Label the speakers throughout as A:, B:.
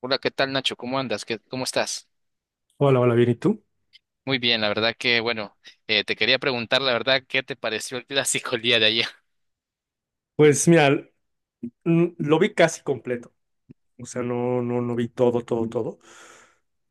A: Hola, ¿qué tal Nacho? ¿Cómo andas? ¿Cómo estás?
B: Hola, hola, bien, ¿y tú?
A: Muy bien, la verdad que, bueno, te quería preguntar, la verdad, ¿qué te pareció el clásico el día de ayer?
B: Pues mira, lo vi casi completo, o sea, no vi todo, todo, todo,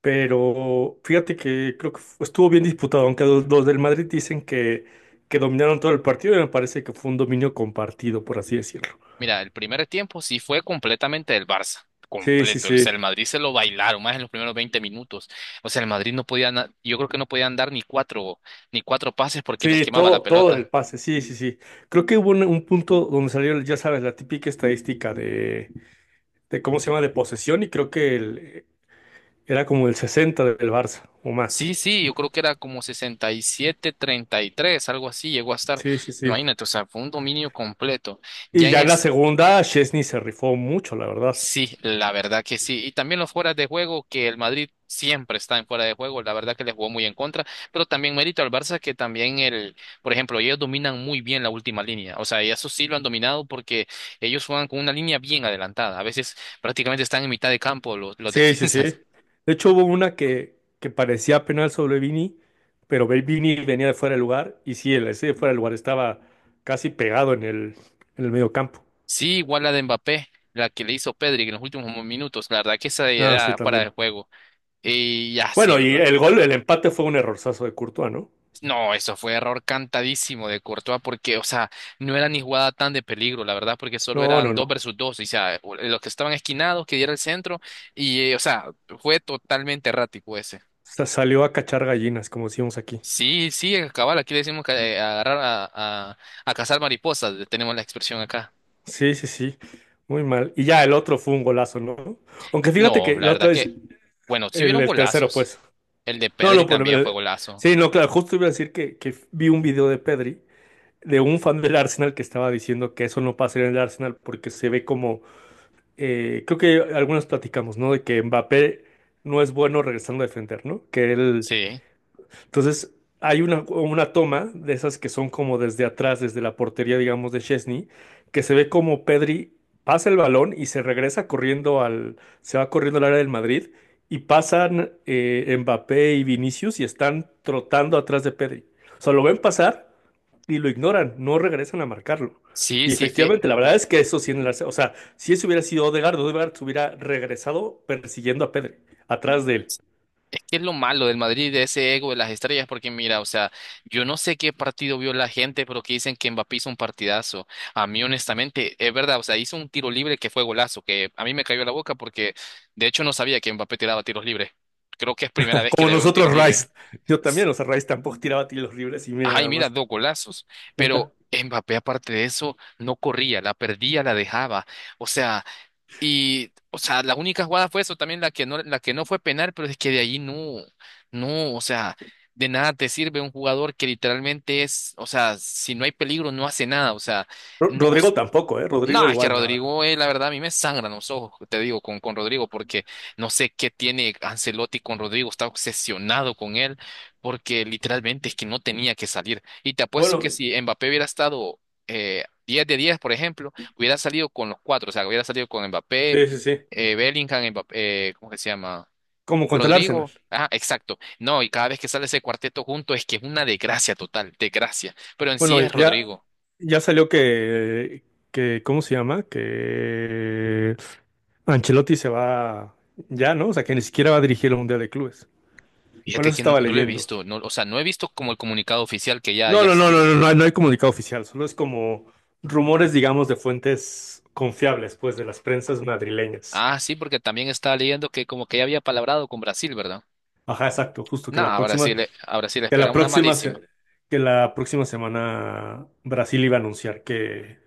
B: pero fíjate que creo que estuvo bien disputado, aunque los del Madrid dicen que dominaron todo el partido, y me parece que fue un dominio compartido, por así decirlo.
A: Mira, el primer tiempo sí fue completamente del Barça,
B: Sí, sí,
A: completo. O sea, el
B: sí,
A: Madrid se lo bailaron más en los primeros 20 minutos. O sea, el Madrid no podía, yo creo que no podían dar ni cuatro pases porque les
B: sí,
A: quemaba la
B: todo, todo en el
A: pelota.
B: pase, sí, sí, sí. Creo que hubo un punto donde salió, ya sabes, la típica estadística de cómo se llama, de posesión, y creo que era como el 60 del Barça o más.
A: Sí, sí, yo creo que era como 67-33, algo así llegó a estar.
B: Sí, sí, sí.
A: Imagínate, o sea, fue un dominio completo. Ya
B: Y
A: en
B: ya en
A: el.
B: la segunda, Chesney se rifó mucho, la verdad.
A: Sí, la verdad que sí. Y también los fueras de juego, que el Madrid siempre está en fuera de juego, la verdad que le jugó muy en contra, pero también mérito al Barça que también el, por ejemplo, ellos dominan muy bien la última línea, o sea, y eso sí lo han dominado porque ellos juegan con una línea bien adelantada, a veces prácticamente están en mitad de campo los
B: Sí, sí, sí.
A: defensas.
B: De hecho, hubo una que parecía penal sobre Vini, pero Vini venía de fuera de lugar. Y sí, el ese de fuera de lugar estaba casi pegado en el medio campo.
A: Sí, igual la de Mbappé, la que le hizo Pedri en los últimos minutos, la verdad que esa
B: Ah, sí,
A: era fuera de
B: también.
A: juego. Y ya sí,
B: Bueno, y
A: ¿verdad?
B: el gol, el empate fue un errorzazo de Courtois, ¿no?
A: No, eso fue error cantadísimo de Courtois porque, o sea, no era ni jugada tan de peligro, la verdad, porque solo
B: No, no,
A: eran dos
B: no.
A: versus dos, o sea, los que estaban esquinados, que diera el centro, y, o sea, fue totalmente errático ese.
B: Salió a cachar gallinas, como decíamos aquí.
A: Sí, sí, cabal, aquí le decimos que agarrar a, a cazar mariposas, tenemos la expresión acá.
B: Sí, sí, sí. Muy mal. Y ya el otro fue un golazo, ¿no? Aunque fíjate
A: No,
B: que
A: la
B: la
A: verdad
B: otra vez,
A: que, bueno, sí hubieron
B: el tercero,
A: golazos.
B: pues.
A: El de
B: No,
A: Pedri
B: no,
A: también fue golazo.
B: sí, no, claro, justo iba a decir que vi un video de Pedri, de un fan del Arsenal que estaba diciendo que eso no pasaría en el Arsenal porque se ve como, creo que algunos platicamos, ¿no? De que Mbappé no es bueno regresando a defender, ¿no? Que él
A: Sí,
B: entonces, hay una toma de esas que son como desde atrás, desde la portería, digamos, de Chesney, que se ve como Pedri pasa el balón y se regresa corriendo al, se va corriendo al área del Madrid y pasan Mbappé y Vinicius y están trotando atrás de Pedri. O sea, lo ven pasar y lo ignoran, no regresan a marcarlo.
A: sí,
B: Y
A: sí,
B: efectivamente, la verdad es que eso sí en el o sea, si eso hubiera sido Odegaard, Odegaard se hubiera regresado persiguiendo a Pedri, atrás de él.
A: es que es lo malo del Madrid, de ese ego de las estrellas, porque mira, o sea, yo no sé qué partido vio la gente, pero que dicen que Mbappé hizo un partidazo. A mí, honestamente, es verdad, o sea, hizo un tiro libre que fue golazo, que a mí me cayó la boca porque, de hecho, no sabía que Mbappé tiraba tiros libres. Creo que es primera vez que
B: Como
A: le veo un tiro
B: nosotros,
A: libre.
B: Rice. Yo
A: Es-
B: también, o sea, Rice tampoco tiraba tiros libres y mira
A: Ay,
B: nada
A: mira,
B: más.
A: dos golazos. Pero Mbappé, aparte de eso, no corría, la perdía, la dejaba. O sea. Y, o sea, la única jugada fue eso, también la que no fue penal, pero es que de ahí no, no, o sea, de nada te sirve un jugador que literalmente es, o sea, si no hay peligro, no hace nada, o sea, no,
B: Rodrigo tampoco, ¿eh?
A: no,
B: Rodrigo
A: es que
B: igual nada.
A: Rodrigo, la verdad, a mí me sangran los ojos, te digo, con Rodrigo, porque no sé qué tiene Ancelotti con Rodrigo, está obsesionado con él, porque literalmente es que no tenía que salir. Y te apuesto
B: Bueno,
A: que si Mbappé hubiera estado 10 de 10, por ejemplo, hubiera salido con los cuatro, o sea, hubiera salido con Mbappé,
B: sí, sí, sí.
A: Bellingham, Mbappé, ¿cómo que se llama?
B: Como contra el Arsenal.
A: Rodrigo. Ah, exacto. No, y cada vez que sale ese cuarteto junto es que es una desgracia total, desgracia. Pero en sí
B: Bueno,
A: es
B: ya,
A: Rodrigo.
B: ya salió ¿cómo se llama? Que Ancelotti se va ya, ¿no? O sea, que ni siquiera va a dirigir el Mundial de Clubes. Bueno,
A: Fíjate
B: eso
A: que
B: estaba
A: no lo he
B: leyendo.
A: visto, no, o sea, no he visto como el comunicado oficial que ya,
B: No,
A: ya
B: no, no, no,
A: estuvo.
B: no, no hay, no hay comunicado oficial, solo es como rumores, digamos, de fuentes confiables, pues, de las prensas madrileñas.
A: Ah, sí, porque también estaba leyendo que como que ya había palabrado con Brasil, ¿verdad?
B: Ajá, exacto, justo
A: No,
B: que la
A: a
B: próxima,
A: Brasil, a Brasil le
B: que
A: espera
B: la
A: una
B: próxima,
A: malísima.
B: que la próxima semana Brasil iba a anunciar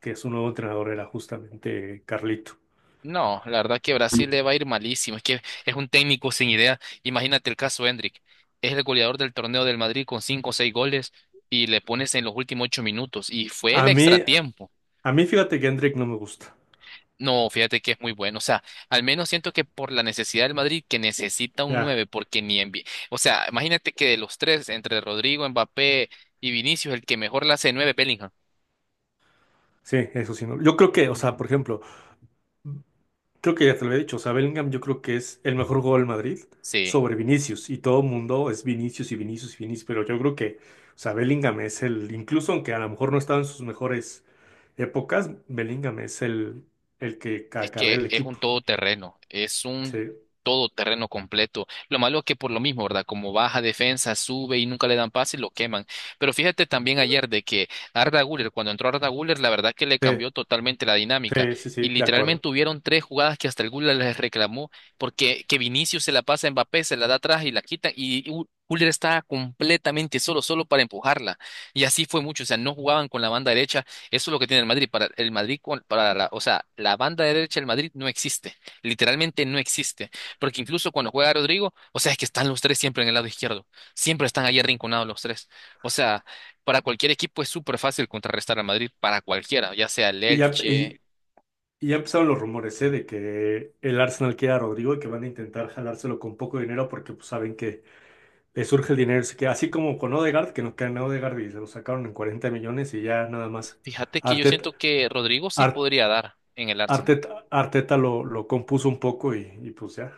B: que su nuevo entrenador era justamente Carlito.
A: No, la verdad que Brasil le va a ir malísimo. Es que es un técnico sin idea. Imagínate el caso Hendrik, es el goleador del torneo del Madrid con 5 o 6 goles y le pones en los últimos 8 minutos. Y fue el
B: A mí,
A: extratiempo.
B: a mí fíjate que Hendrik no me gusta.
A: No, fíjate que es muy bueno. O sea, al menos siento que por la necesidad del Madrid, que necesita un
B: Ya,
A: 9 porque ni en... O sea, imagínate que de los tres, entre Rodrigo, Mbappé y Vinicius, el que mejor la hace de 9 Bellingham.
B: sí, eso sí. No. Yo creo que, o sea, por ejemplo, creo que ya te lo he dicho, o sea, Bellingham yo creo que es el mejor jugador del Madrid
A: Sí.
B: sobre Vinicius y todo el mundo es Vinicius y Vinicius y Vinicius, pero yo creo que, o sea, Bellingham es el, incluso aunque a lo mejor no estaba en sus mejores épocas, Bellingham es el que
A: Es
B: acarrea
A: que
B: el equipo.
A: es
B: Sí.
A: un todoterreno completo. Lo malo es que por lo mismo, ¿verdad? Como baja defensa, sube y nunca le dan pase y lo queman. Pero fíjate también ayer de que Arda Güler, cuando entró Arda Güler, la verdad que le
B: Sí,
A: cambió totalmente la dinámica.
B: sí, sí,
A: Y
B: sí, de acuerdo.
A: literalmente hubieron 3 jugadas que hasta el Güler les reclamó porque que Vinicius se la pasa a Mbappé, se la da atrás y la quitan y Güler estaba completamente solo, solo para empujarla. Y así fue mucho, o sea, no jugaban con la banda derecha, eso es lo que tiene el Madrid. Para el Madrid, para la, o sea, la banda derecha del Madrid no existe. Literalmente no existe. Porque incluso cuando juega Rodrigo, o sea, es que están los tres siempre en el lado izquierdo. Siempre están ahí arrinconados los tres. O sea, para cualquier equipo es súper fácil contrarrestar al Madrid, para cualquiera, ya sea el
B: Y ya,
A: Elche.
B: y, y ya empezaron los rumores, ¿eh? De que el Arsenal quiere a Rodrigo y que van a intentar jalárselo con poco dinero porque pues, saben que le surge el dinero. Así que así como con Odegaard, que nos quedan a Odegaard y se lo sacaron en 40 millones y ya nada más
A: Fíjate que yo
B: Arteta,
A: siento que Rodrigo sí
B: Ar-
A: podría dar en el Arsenal.
B: Arteta, Arteta lo compuso un poco y pues ya.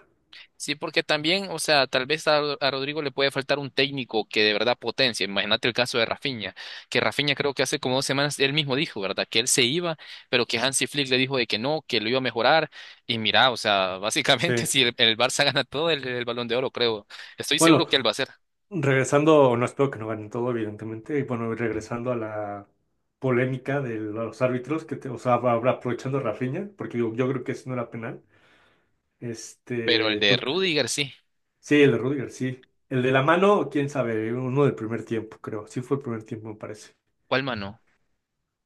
A: Sí, porque también, o sea, tal vez a, a Rodrigo le puede faltar un técnico que de verdad potencie. Imagínate el caso de Rafinha, que Rafinha creo que hace como 2 semanas él mismo dijo, ¿verdad? Que él se iba, pero que Hansi Flick le dijo de que no, que lo iba a mejorar. Y mira, o sea, básicamente
B: Sí.
A: si el Barça gana todo el Balón de Oro, creo. Estoy seguro
B: Bueno,
A: que él va a ser.
B: regresando, no espero que no ganen todo, evidentemente, y bueno, regresando a la polémica de los árbitros, o sea, va aprovechando a Rafinha, porque yo creo que eso no era penal.
A: Pero el
B: Este,
A: de
B: tú,
A: Rudiger sí.
B: sí, el de Rudiger, sí. El de la mano, quién sabe, uno del primer tiempo, creo. Sí fue el primer tiempo, me parece.
A: ¿Cuál mano?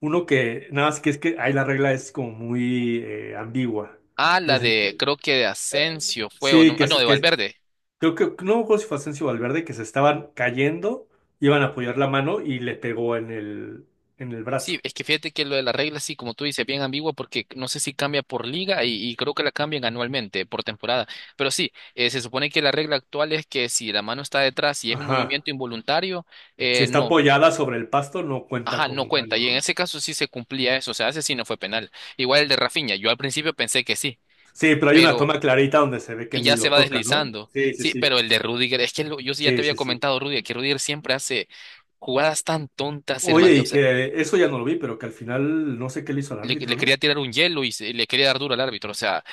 B: Uno que, nada más que es que ahí la regla es como muy ambigua.
A: Ah,
B: El
A: la
B: senti-
A: de, creo que de
B: eh,
A: Asensio fue, o
B: sí,
A: no, ah, no, de
B: que es-
A: Valverde.
B: Creo que no me acuerdo si fue Asensio o Valverde que se estaban cayendo, iban a apoyar la mano y le pegó en el
A: Sí,
B: brazo.
A: es que fíjate que lo de la regla, sí, como tú dices, bien ambigua porque no sé si cambia por liga y creo que la cambian anualmente, por temporada. Pero sí, se supone que la regla actual es que si la mano está detrás y es un
B: Ajá.
A: movimiento involuntario,
B: Si
A: eh,
B: está
A: no,
B: apoyada sobre el pasto, no cuenta
A: ajá, no
B: como
A: cuenta.
B: mano,
A: Y en
B: ¿no?
A: ese caso sí se cumplía eso, o sea, ese sí no fue penal. Igual el de Rafinha, yo al principio pensé que sí,
B: Sí, pero hay una
A: pero
B: toma clarita donde se ve que
A: que
B: ni
A: ya se
B: lo
A: va
B: toca, ¿no?
A: deslizando.
B: Sí, sí,
A: Sí,
B: sí.
A: pero el de Rudiger, es que yo sí ya te
B: Sí,
A: había
B: sí, sí.
A: comentado, Rudiger, que Rudiger siempre hace jugadas tan tontas, el,
B: Oye,
A: O
B: y
A: sea,
B: que eso ya no lo vi, pero que al final no sé qué le hizo al
A: le,
B: árbitro,
A: le
B: ¿no?
A: quería tirar un hielo y le quería dar duro al árbitro. O sea,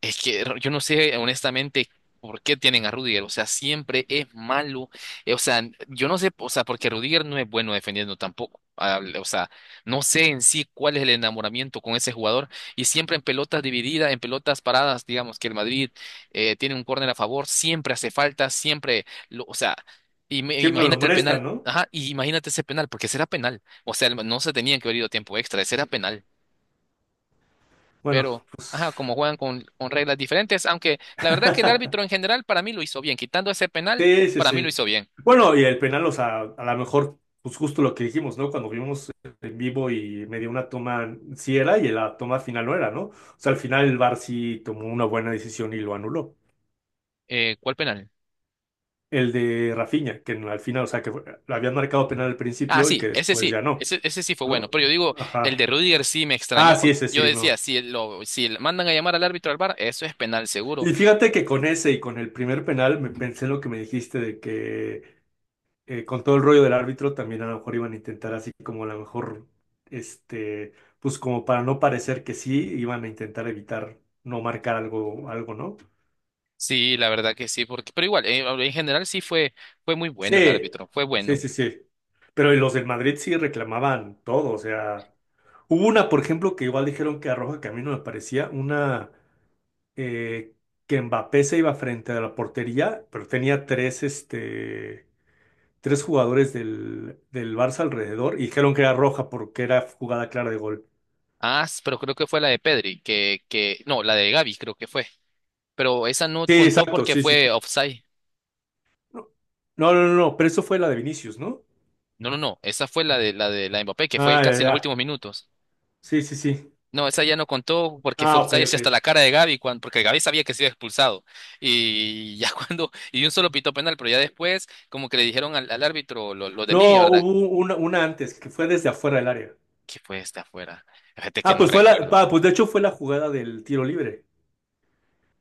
A: es que yo no sé honestamente por qué tienen a Rudiger, o sea, siempre es malo, o sea, yo no sé, o sea, porque Rudiger no es bueno defendiendo tampoco, ah, o sea, no sé en sí cuál es el enamoramiento con ese jugador y siempre en pelotas divididas, en pelotas paradas, digamos que el Madrid tiene un córner a favor, siempre hace falta, siempre, o sea,
B: Siempre lo
A: imagínate el
B: molestan,
A: penal,
B: ¿no?
A: ajá, y imagínate ese penal, porque será penal, o sea, no se tenían que haber ido a tiempo extra, ese era penal,
B: Bueno.
A: pero ajá, como juegan con reglas diferentes, aunque la verdad que el árbitro en general para mí lo hizo bien, quitando ese penal,
B: Sí, sí,
A: para mí lo
B: sí.
A: hizo bien.
B: Bueno, y el penal, o sea, a lo mejor, pues justo lo que dijimos, ¿no? Cuando vimos en vivo y me dio una toma, sí era, y la toma final no era, ¿no? O sea, al final el VAR sí tomó una buena decisión y lo anuló.
A: ¿Cuál penal?
B: El de Rafinha, que al final, o sea, lo habían marcado penal al
A: Ah,
B: principio y que después
A: sí.
B: ya no,
A: Ese sí fue bueno,
B: ¿no?
A: pero yo digo, el de
B: Ajá.
A: Rudiger sí me
B: Ah,
A: extrañó,
B: sí,
A: porque
B: ese
A: yo
B: sí,
A: decía,
B: no.
A: si lo, si le mandan a llamar al árbitro al bar eso es penal seguro.
B: Y fíjate que con ese y con el primer penal me pensé en lo que me dijiste de que con todo el rollo del árbitro, también a lo mejor iban a intentar así como a lo mejor, este, pues como para no parecer que sí, iban a intentar evitar no marcar algo, algo, ¿no?
A: Sí, la verdad que sí, porque, pero igual, en general sí fue, fue muy bueno el
B: Sí,
A: árbitro, fue
B: sí,
A: bueno.
B: sí, sí. Pero los del Madrid sí reclamaban todo, o sea, hubo una, por ejemplo, que igual dijeron que a Roja que a mí no me parecía, una eh, que Mbappé se iba frente a la portería, pero tenía tres, este tres jugadores del Barça alrededor y dijeron que era roja porque era jugada clara de gol.
A: Ah, pero creo que fue la de Pedri, que, no, la de Gavi creo que fue, pero esa no
B: Sí,
A: contó
B: exacto,
A: porque
B: sí, sí,
A: fue
B: sí.
A: offside.
B: No, no, no, no, pero eso fue la de Vinicius, ¿no?
A: No, no, no. Esa fue la de la de la de Mbappé, que fue
B: Ah, ya,
A: casi en los
B: ya.
A: últimos minutos.
B: Sí, sí, sí.
A: No, esa ya no contó porque fue
B: Ah, ok,
A: offside
B: ok.
A: hasta la cara de Gaby, cuando, porque Gaby sabía que se iba expulsado. Y ya cuando, y un solo pitó penal, pero ya después, como que le dijeron al, al árbitro lo de línea,
B: No,
A: ¿verdad?
B: hubo una antes que fue desde afuera del área.
A: Que fue esta afuera. Fíjate que no recuerdo.
B: Ah, pues de hecho fue la jugada del tiro libre.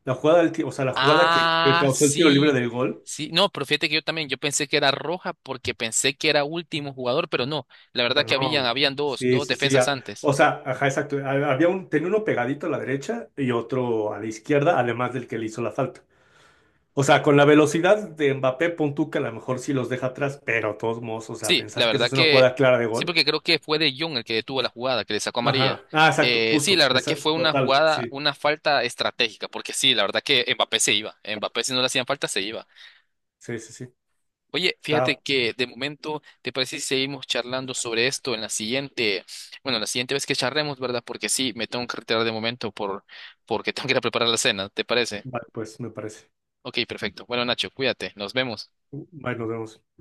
B: La jugada del, ti- o sea, la jugada que
A: Ah,
B: causó el tiro libre
A: sí.
B: del gol
A: Sí, no, pero fíjate que yo también, yo pensé que era roja porque pensé que era último jugador, pero no, la verdad que
B: pero
A: habían,
B: no,
A: habían dos,
B: sí,
A: dos
B: sí, sí.
A: defensas antes.
B: O sea, ajá, exacto. Había un, tenía uno pegadito a la derecha y otro a la izquierda, además del que le hizo la falta. O sea, con la velocidad de Mbappé, pon tú que a lo mejor sí los deja atrás, pero de todos modos, o sea,
A: Sí, la
B: pensar que eso
A: verdad
B: es una
A: que
B: jugada clara de
A: sí,
B: gol.
A: porque creo que fue De Jong el que detuvo la jugada, que le sacó amarilla.
B: Ajá. Ah, exacto,
A: Sí, la
B: justo.
A: verdad que fue una
B: Total,
A: jugada,
B: sí,
A: una falta estratégica, porque sí, la verdad que Mbappé se iba. Mbappé, si no le hacían falta, se iba.
B: sí, sí, sí.
A: Oye, fíjate
B: Está,
A: que de momento, ¿te parece si seguimos charlando sobre esto en la siguiente, bueno, la siguiente vez que charlemos, ¿verdad? Porque sí, me tengo que retirar de momento por, porque tengo que ir a preparar la cena, ¿te parece?
B: vale, pues me parece.
A: Ok, perfecto. Bueno, Nacho, cuídate, nos vemos.
B: Bye, nos vemos.